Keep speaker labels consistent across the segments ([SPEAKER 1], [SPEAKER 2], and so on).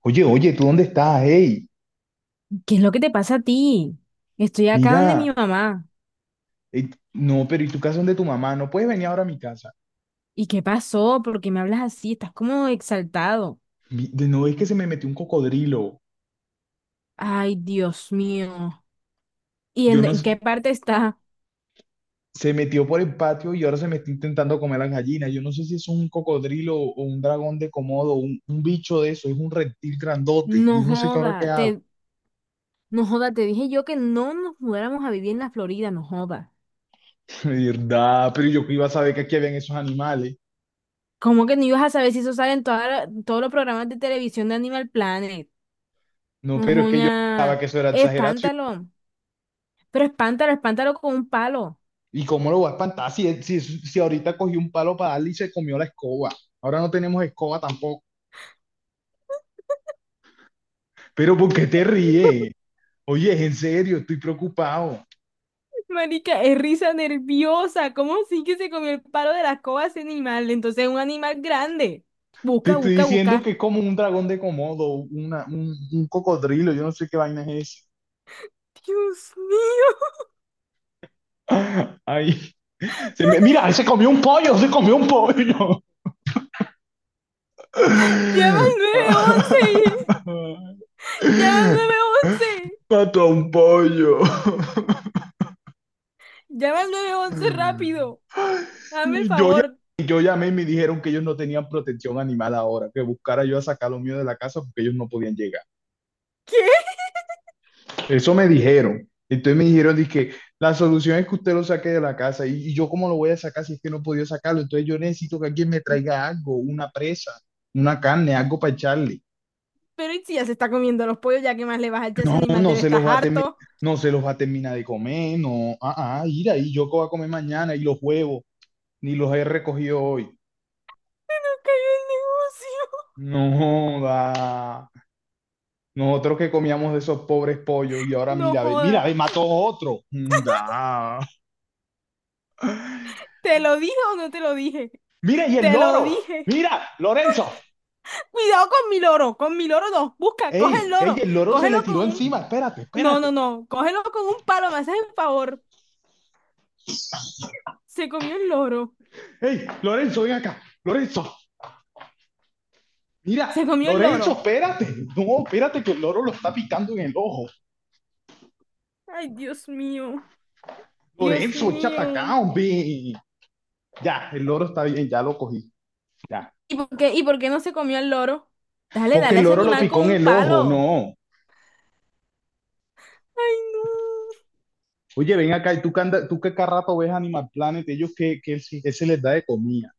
[SPEAKER 1] Oye, oye, ¿tú dónde estás? Hey,
[SPEAKER 2] ¿Qué es lo que te pasa a ti? Estoy acá donde mi
[SPEAKER 1] mira,
[SPEAKER 2] mamá.
[SPEAKER 1] no, pero ¿y tu casa? ¿Dónde tu mamá? No puedes venir ahora a mi casa.
[SPEAKER 2] ¿Y qué pasó? ¿Por qué me hablas así? Estás como exaltado.
[SPEAKER 1] No es que se me metió un cocodrilo.
[SPEAKER 2] Ay, Dios mío. ¿Y
[SPEAKER 1] Yo
[SPEAKER 2] en,
[SPEAKER 1] no,
[SPEAKER 2] en
[SPEAKER 1] s-
[SPEAKER 2] qué parte está?
[SPEAKER 1] Se metió por el patio y ahora se me está intentando comer las gallinas. Yo no sé si es un cocodrilo o un dragón de Komodo, un bicho de eso, es un reptil grandote.
[SPEAKER 2] No
[SPEAKER 1] Yo no sé qué ahora qué
[SPEAKER 2] joda,
[SPEAKER 1] hago.
[SPEAKER 2] te, no joda, te dije yo que no nos mudáramos a vivir en la Florida, no joda.
[SPEAKER 1] De verdad, pero yo que iba a saber que aquí habían esos animales.
[SPEAKER 2] ¿Cómo que no ibas a saber si eso sale en todos los programas de televisión de Animal Planet?
[SPEAKER 1] No, pero es que yo pensaba
[SPEAKER 2] Ujuña.
[SPEAKER 1] que eso era exageración.
[SPEAKER 2] Espántalo. Pero espántalo, espántalo con un palo.
[SPEAKER 1] ¿Y cómo lo va a espantar si, si, si ahorita cogí un palo para darle y se comió la escoba? Ahora no tenemos escoba tampoco. Pero ¿por qué te ríes? Oye, es en serio, estoy preocupado.
[SPEAKER 2] Marica, es risa nerviosa. ¿Cómo sí que se comió el palo de la escoba ese animal? Entonces es un animal grande.
[SPEAKER 1] Te
[SPEAKER 2] Busca,
[SPEAKER 1] estoy
[SPEAKER 2] busca,
[SPEAKER 1] diciendo que
[SPEAKER 2] busca.
[SPEAKER 1] es como un dragón de Komodo, un cocodrilo, yo no sé qué vaina es
[SPEAKER 2] Dios mío,
[SPEAKER 1] esa. Ay, mira, se comió un pollo, se comió un pollo.
[SPEAKER 2] llama al 911. Llama al nueve once.
[SPEAKER 1] Mató a un pollo.
[SPEAKER 2] Llama al nueve once rápido. Dame el
[SPEAKER 1] Yo, ya-
[SPEAKER 2] favor.
[SPEAKER 1] yo llamé y me dijeron que ellos no tenían protección animal ahora, que buscara yo a sacar lo mío de la casa porque ellos no podían llegar.
[SPEAKER 2] ¿Qué?
[SPEAKER 1] Eso me dijeron. Entonces me dijeron, dije, la solución es que usted lo saque de la casa. Y yo cómo lo voy a sacar si es que no podía sacarlo? Entonces yo necesito que alguien me traiga algo, una presa, una carne, algo para echarle.
[SPEAKER 2] Pero ¿y si ya se está comiendo los pollos, ya que más le vas a echar a ese
[SPEAKER 1] No,
[SPEAKER 2] animal?
[SPEAKER 1] no
[SPEAKER 2] Debe
[SPEAKER 1] se
[SPEAKER 2] estar
[SPEAKER 1] los va a terminar,
[SPEAKER 2] harto.
[SPEAKER 1] no se los va a terminar de comer, no. Ir ahí, yo qué voy a comer mañana, y los huevos, ni los he recogido hoy.
[SPEAKER 2] Se nos cayó el negocio.
[SPEAKER 1] No, da. Nosotros que comíamos de esos pobres pollos y ahora
[SPEAKER 2] No
[SPEAKER 1] mira,
[SPEAKER 2] joda.
[SPEAKER 1] ve, mató otro. Da.
[SPEAKER 2] ¿Te lo dije o no te lo dije?
[SPEAKER 1] Mira, y el
[SPEAKER 2] Te lo
[SPEAKER 1] loro.
[SPEAKER 2] dije.
[SPEAKER 1] Mira, Lorenzo.
[SPEAKER 2] Cuidado con mi loro no. Busca, coge el
[SPEAKER 1] Ey, ey,
[SPEAKER 2] loro,
[SPEAKER 1] el loro se
[SPEAKER 2] cógelo
[SPEAKER 1] le tiró
[SPEAKER 2] con un...
[SPEAKER 1] encima. Espérate,
[SPEAKER 2] No, no,
[SPEAKER 1] espérate.
[SPEAKER 2] no, cógelo con un palo, me haces el favor. Se comió el loro,
[SPEAKER 1] Ey, Lorenzo, ven acá. Lorenzo, mira,
[SPEAKER 2] se comió el
[SPEAKER 1] Lorenzo,
[SPEAKER 2] loro.
[SPEAKER 1] espérate. No, espérate que el loro lo está picando en el ojo.
[SPEAKER 2] Ay, Dios mío, Dios
[SPEAKER 1] Lorenzo, echa pa'
[SPEAKER 2] mío.
[SPEAKER 1] acá, hombre. Ya, el loro está bien, ya lo cogí. Ya.
[SPEAKER 2] ¿Y por qué no se comió el loro? Dale,
[SPEAKER 1] Porque
[SPEAKER 2] dale
[SPEAKER 1] el
[SPEAKER 2] a ese
[SPEAKER 1] loro lo
[SPEAKER 2] animal
[SPEAKER 1] picó
[SPEAKER 2] con
[SPEAKER 1] en
[SPEAKER 2] un
[SPEAKER 1] el ojo,
[SPEAKER 2] palo.
[SPEAKER 1] no.
[SPEAKER 2] Ay, no.
[SPEAKER 1] Oye, ven acá, y tú que, tú que cada rato ves Animal Planet, ellos que se les da de comida.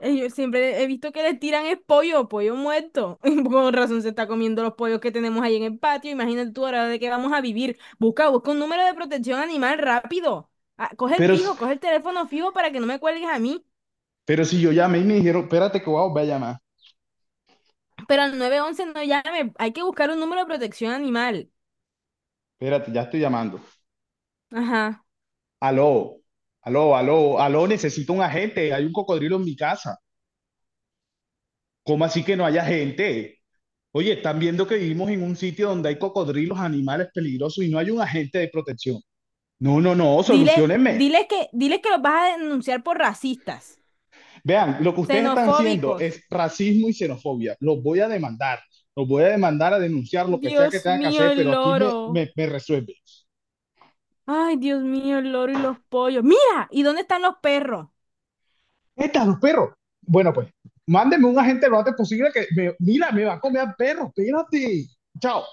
[SPEAKER 2] Yo siempre he visto que le tiran el pollo, pollo muerto. Con razón se está comiendo los pollos que tenemos ahí en el patio. Imagínate tú ahora de qué vamos a vivir. Busca, busca un número de protección animal rápido. Ah, coge el
[SPEAKER 1] Pero,
[SPEAKER 2] fijo, coge el teléfono fijo para que no me cuelgues a mí.
[SPEAKER 1] pero si yo llamé y me dijeron, espérate que voy a volver a llamar.
[SPEAKER 2] Pero al 911 no llame. Hay que buscar un número de protección animal.
[SPEAKER 1] Espérate, ya estoy llamando.
[SPEAKER 2] Ajá.
[SPEAKER 1] Aló, aló, aló, aló, necesito un agente. Hay un cocodrilo en mi casa. ¿Cómo así que no hay agente? Oye, están viendo que vivimos en un sitio donde hay cocodrilos, animales peligrosos y no hay un agente de protección. No, no, no,
[SPEAKER 2] Dile,
[SPEAKER 1] solucionenme.
[SPEAKER 2] dile que los vas a denunciar por racistas,
[SPEAKER 1] Vean, lo que ustedes están haciendo
[SPEAKER 2] xenofóbicos.
[SPEAKER 1] es racismo y xenofobia. Los voy a demandar, los voy a demandar, a denunciar lo que sea que
[SPEAKER 2] Dios
[SPEAKER 1] tenga que
[SPEAKER 2] mío,
[SPEAKER 1] hacer,
[SPEAKER 2] el
[SPEAKER 1] pero aquí
[SPEAKER 2] loro.
[SPEAKER 1] me resuelve.
[SPEAKER 2] Ay, Dios mío, el loro y los pollos. Mira, ¿y dónde están los perros?
[SPEAKER 1] Estas los perros. Bueno, pues, mándenme un agente lo antes posible que, mira, me va a comer al perro, espérate. Chao.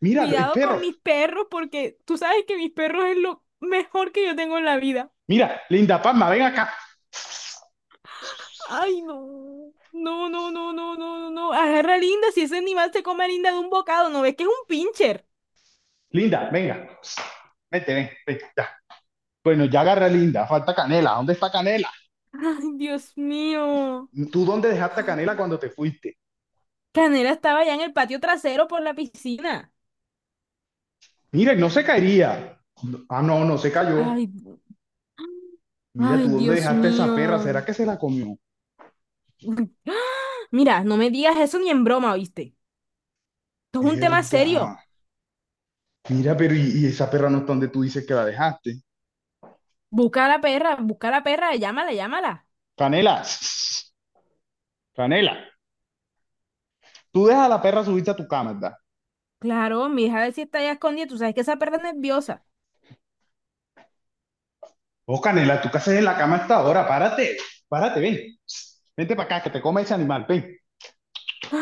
[SPEAKER 1] Mira, el
[SPEAKER 2] Cuidado con
[SPEAKER 1] perro.
[SPEAKER 2] mis perros porque tú sabes que mis perros es lo mejor que yo tengo en la vida.
[SPEAKER 1] Mira, Linda Palma, ven acá.
[SPEAKER 2] Ay, no. No, no, no, no, no, no, no. Agarra a Linda, si ese animal se come a Linda de un bocado, ¿no ves que es un pincher?
[SPEAKER 1] Linda, venga. Vete, ven, ven, ya. Bueno, ya agarra Linda, falta Canela. ¿Dónde está Canela?
[SPEAKER 2] Ay, Dios mío.
[SPEAKER 1] ¿Tú dónde dejaste a Canela cuando te fuiste?
[SPEAKER 2] Canela estaba ya en el patio trasero por la piscina.
[SPEAKER 1] Mira, no se caería. Ah, no, no se cayó.
[SPEAKER 2] Ay,
[SPEAKER 1] Mira, ¿tú
[SPEAKER 2] ay,
[SPEAKER 1] dónde
[SPEAKER 2] Dios
[SPEAKER 1] dejaste a esa perra?
[SPEAKER 2] mío.
[SPEAKER 1] ¿Será que se la comió?
[SPEAKER 2] Mira, no me digas eso ni en broma, ¿oíste? Esto es un tema
[SPEAKER 1] Verdad.
[SPEAKER 2] serio.
[SPEAKER 1] Mira, pero y esa perra no está donde tú dices que la dejaste.
[SPEAKER 2] Busca a la perra, busca a la perra, llámala, llámala.
[SPEAKER 1] Canela, Canela, tú dejas a la perra subirse a tu cama, ¿verdad?
[SPEAKER 2] Claro, mi hija si está allá escondida, tú sabes que esa perra es nerviosa.
[SPEAKER 1] Oh, Canela, ¿tú qué haces en la cama hasta ahora? Párate, párate, ven. Vente para acá, que te come ese animal. Ven,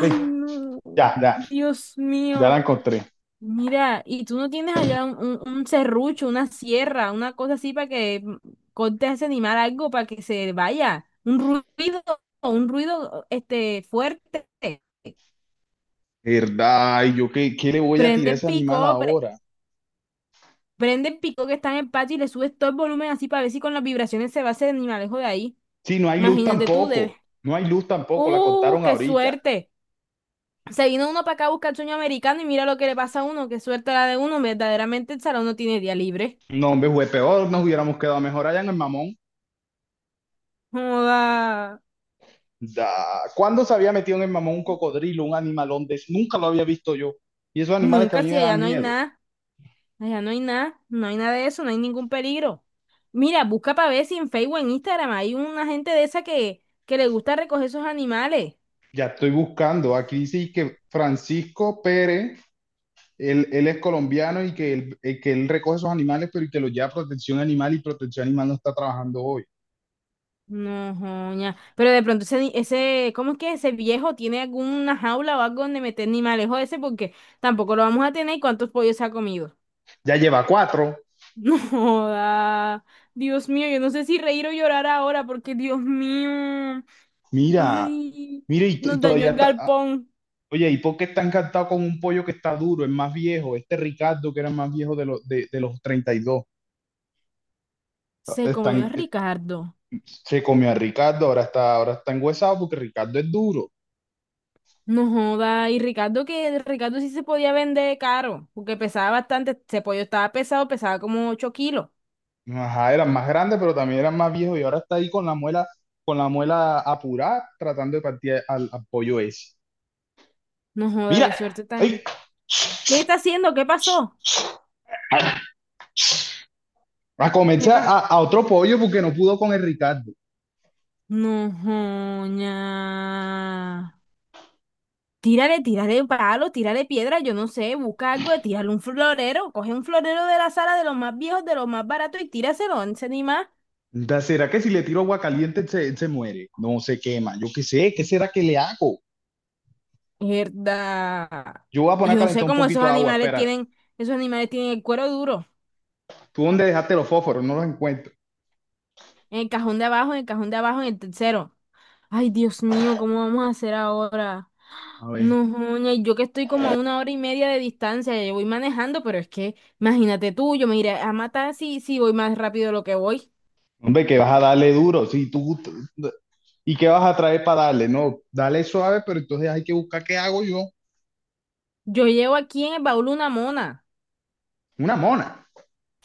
[SPEAKER 1] ven.
[SPEAKER 2] no,
[SPEAKER 1] Ya, ya,
[SPEAKER 2] Dios
[SPEAKER 1] ya la
[SPEAKER 2] mío.
[SPEAKER 1] encontré.
[SPEAKER 2] Mira, y tú no tienes allá un serrucho, una sierra, una cosa así para que cortes a ese animal algo para que se vaya. Un ruido este fuerte.
[SPEAKER 1] ¿Verdad? ¿Y yo qué, qué le voy a
[SPEAKER 2] Prende
[SPEAKER 1] tirar a
[SPEAKER 2] el
[SPEAKER 1] ese animal
[SPEAKER 2] pico,
[SPEAKER 1] ahora?
[SPEAKER 2] prende el pico que está en el patio y le subes todo el volumen así para ver si con las vibraciones se va ese animalejo de ahí.
[SPEAKER 1] Sí, no hay luz
[SPEAKER 2] Imagínate tú, debes.
[SPEAKER 1] tampoco. No hay luz tampoco, la
[SPEAKER 2] ¡Uh,
[SPEAKER 1] cortaron
[SPEAKER 2] qué
[SPEAKER 1] ahorita.
[SPEAKER 2] suerte! Se vino uno para acá a buscar el sueño americano y mira lo que le pasa a uno, qué suerte la de uno, verdaderamente el salón no tiene día libre.
[SPEAKER 1] No, hombre, fue peor, nos hubiéramos quedado mejor allá en el mamón.
[SPEAKER 2] Joda,
[SPEAKER 1] Da. ¿Cuándo se había metido en el mamón un cocodrilo, un animalón de eso? Nunca lo había visto yo. Y esos animales que a
[SPEAKER 2] nunca,
[SPEAKER 1] mí me
[SPEAKER 2] si allá
[SPEAKER 1] dan
[SPEAKER 2] no hay
[SPEAKER 1] miedo.
[SPEAKER 2] nada, allá no hay nada, no hay nada de eso, no hay ningún peligro. Mira, busca para ver si en Facebook o en Instagram hay una gente de esa que le gusta recoger esos animales.
[SPEAKER 1] Ya estoy buscando. Aquí dice que Francisco Pérez, él es colombiano y que él recoge esos animales, pero y que los lleva a protección animal, y protección animal no está trabajando hoy.
[SPEAKER 2] No, joña. Pero de pronto ese, ese, ¿cómo es que ese viejo tiene alguna jaula o algo donde meter animales? Joder, ese porque tampoco lo vamos a tener, y cuántos pollos se ha comido.
[SPEAKER 1] Ya lleva cuatro.
[SPEAKER 2] No joda. Dios mío, yo no sé si reír o llorar ahora, porque Dios mío.
[SPEAKER 1] Mira,
[SPEAKER 2] Ay,
[SPEAKER 1] mira, y
[SPEAKER 2] nos dañó
[SPEAKER 1] todavía
[SPEAKER 2] el
[SPEAKER 1] está. Ah,
[SPEAKER 2] galpón.
[SPEAKER 1] oye, ¿y por qué está encantado con un pollo que está duro? Es más viejo. Este Ricardo, que era más viejo de los 32.
[SPEAKER 2] Se comió a
[SPEAKER 1] Están,
[SPEAKER 2] Ricardo.
[SPEAKER 1] se comió a Ricardo, ahora está enguesado porque Ricardo es duro.
[SPEAKER 2] No joda. Y Ricardo, que Ricardo sí se podía vender caro porque pesaba bastante. Ese pollo estaba pesado, pesaba como 8 kilos.
[SPEAKER 1] Ajá, eran más grandes, pero también eran más viejos y ahora está ahí con la muela apurada, tratando de partir al pollo ese.
[SPEAKER 2] No joda,
[SPEAKER 1] Mira,
[SPEAKER 2] qué suerte
[SPEAKER 1] ¡ay!
[SPEAKER 2] tan. ¿Qué está haciendo? ¿Qué pasó?
[SPEAKER 1] A comerse
[SPEAKER 2] ¿Qué pasa?
[SPEAKER 1] a otro pollo porque no pudo con el Ricardo.
[SPEAKER 2] No joña. Tírale, tírale palo, tírale piedra, yo no sé, busca algo, tírale un florero, coge un florero de la sala, de los más viejos, de los más baratos, y tíraselo, no sé ni más.
[SPEAKER 1] Da- ¿Será que si le tiro agua caliente se, se muere? No se quema, yo qué sé, ¿qué será que le hago?
[SPEAKER 2] Mierda.
[SPEAKER 1] Yo voy a
[SPEAKER 2] Y
[SPEAKER 1] poner a
[SPEAKER 2] yo no
[SPEAKER 1] calentar
[SPEAKER 2] sé
[SPEAKER 1] un
[SPEAKER 2] cómo
[SPEAKER 1] poquito de agua, espera.
[SPEAKER 2] esos animales tienen el cuero duro.
[SPEAKER 1] ¿Tú dónde dejaste los fósforos? No los encuentro.
[SPEAKER 2] En el cajón de abajo, en el cajón de abajo, en el tercero. Ay, Dios mío, ¿cómo vamos a hacer ahora?
[SPEAKER 1] A ver.
[SPEAKER 2] No, joña, y yo que estoy como a 1 hora y media de distancia, yo voy manejando, pero es que, imagínate tú, yo me iré a matar si, si voy más rápido de lo que voy.
[SPEAKER 1] Hombre, que vas a darle duro. Si tú, ¿y qué vas a traer para darle? No, dale suave, pero entonces hay que buscar qué hago yo.
[SPEAKER 2] Yo llevo aquí en el baúl una mona.
[SPEAKER 1] Una mona.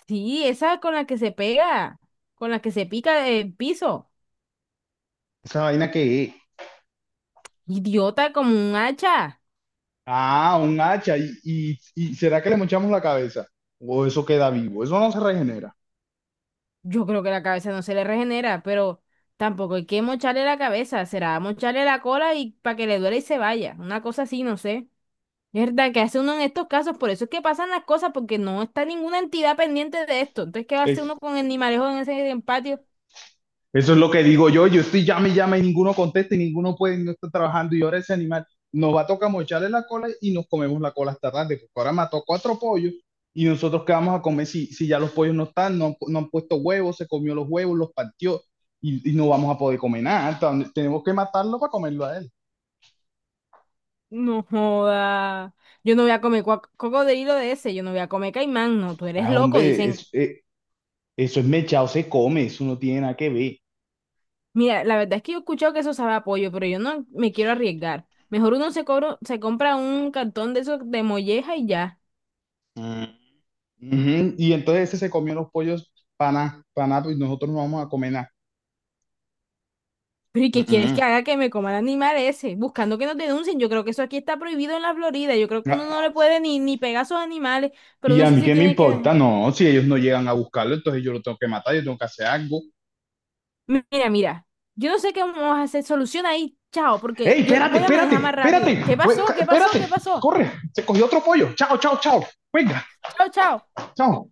[SPEAKER 2] Sí, esa con la que se pega, con la que se pica el piso.
[SPEAKER 1] Esa vaina que es.
[SPEAKER 2] Idiota como un hacha.
[SPEAKER 1] Ah, un hacha. Y será que le mochamos la cabeza? O eso queda vivo. Eso no se regenera.
[SPEAKER 2] Yo creo que la cabeza no se le regenera, pero tampoco hay que mocharle la cabeza. Será mocharle la cola, y para que le duele y se vaya. Una cosa así, no sé. Es verdad, que hace uno en estos casos. Por eso es que pasan las cosas, porque no está ninguna entidad pendiente de esto. Entonces, ¿qué va a hacer uno
[SPEAKER 1] Es,
[SPEAKER 2] con el animalejo en ese en patio?
[SPEAKER 1] eso es lo que digo yo. Yo estoy llame y llame y ninguno contesta y ninguno puede, no está trabajando. Y ahora ese animal nos va a tocar mocharle la cola y nos comemos la cola hasta tarde, porque ahora mató cuatro pollos y nosotros qué vamos a comer si, si ya los pollos no están, no, han puesto huevos, se comió los huevos, los partió y no vamos a poder comer nada. Entonces, tenemos que matarlo para comerlo a él.
[SPEAKER 2] No joda. Yo no voy a comer cocodrilo de ese, yo no voy a comer caimán, no, tú eres
[SPEAKER 1] Ah,
[SPEAKER 2] loco,
[SPEAKER 1] hombre,
[SPEAKER 2] dicen.
[SPEAKER 1] eso es mechado, se come, eso no tiene nada que ver.
[SPEAKER 2] Mira, la verdad es que yo he escuchado que eso sabe a pollo, pero yo no me quiero arriesgar. Mejor uno se cobra, se compra un cartón de esos de molleja y ya.
[SPEAKER 1] Mm, ujú, y entonces ese se comió los pollos para nada, y nosotros no vamos a comer nada.
[SPEAKER 2] Pero ¿y qué quieres que
[SPEAKER 1] Mm,
[SPEAKER 2] haga, que me coma el animal ese? Buscando que nos denuncien. Yo creo que eso aquí está prohibido en la Florida. Yo creo que uno no
[SPEAKER 1] mm.
[SPEAKER 2] le puede ni, ni pegar a esos animales, pero
[SPEAKER 1] Y
[SPEAKER 2] uno
[SPEAKER 1] a
[SPEAKER 2] sí
[SPEAKER 1] mí
[SPEAKER 2] se
[SPEAKER 1] qué me
[SPEAKER 2] tiene que
[SPEAKER 1] importa,
[SPEAKER 2] dejar.
[SPEAKER 1] no, si ellos no llegan a buscarlo, entonces yo lo tengo que matar, yo tengo que hacer algo.
[SPEAKER 2] Mira, mira, yo no sé qué vamos a hacer. Solución ahí, chao, porque
[SPEAKER 1] ¡Ey,
[SPEAKER 2] yo
[SPEAKER 1] espérate,
[SPEAKER 2] voy a
[SPEAKER 1] espérate,
[SPEAKER 2] manejar más rápido.
[SPEAKER 1] espérate!
[SPEAKER 2] ¿Qué pasó? ¿Qué pasó?
[SPEAKER 1] Espérate,
[SPEAKER 2] ¿Qué pasó?
[SPEAKER 1] corre, se cogió otro pollo. Chao, chao, chao. Venga,
[SPEAKER 2] Chao, chao.
[SPEAKER 1] chao.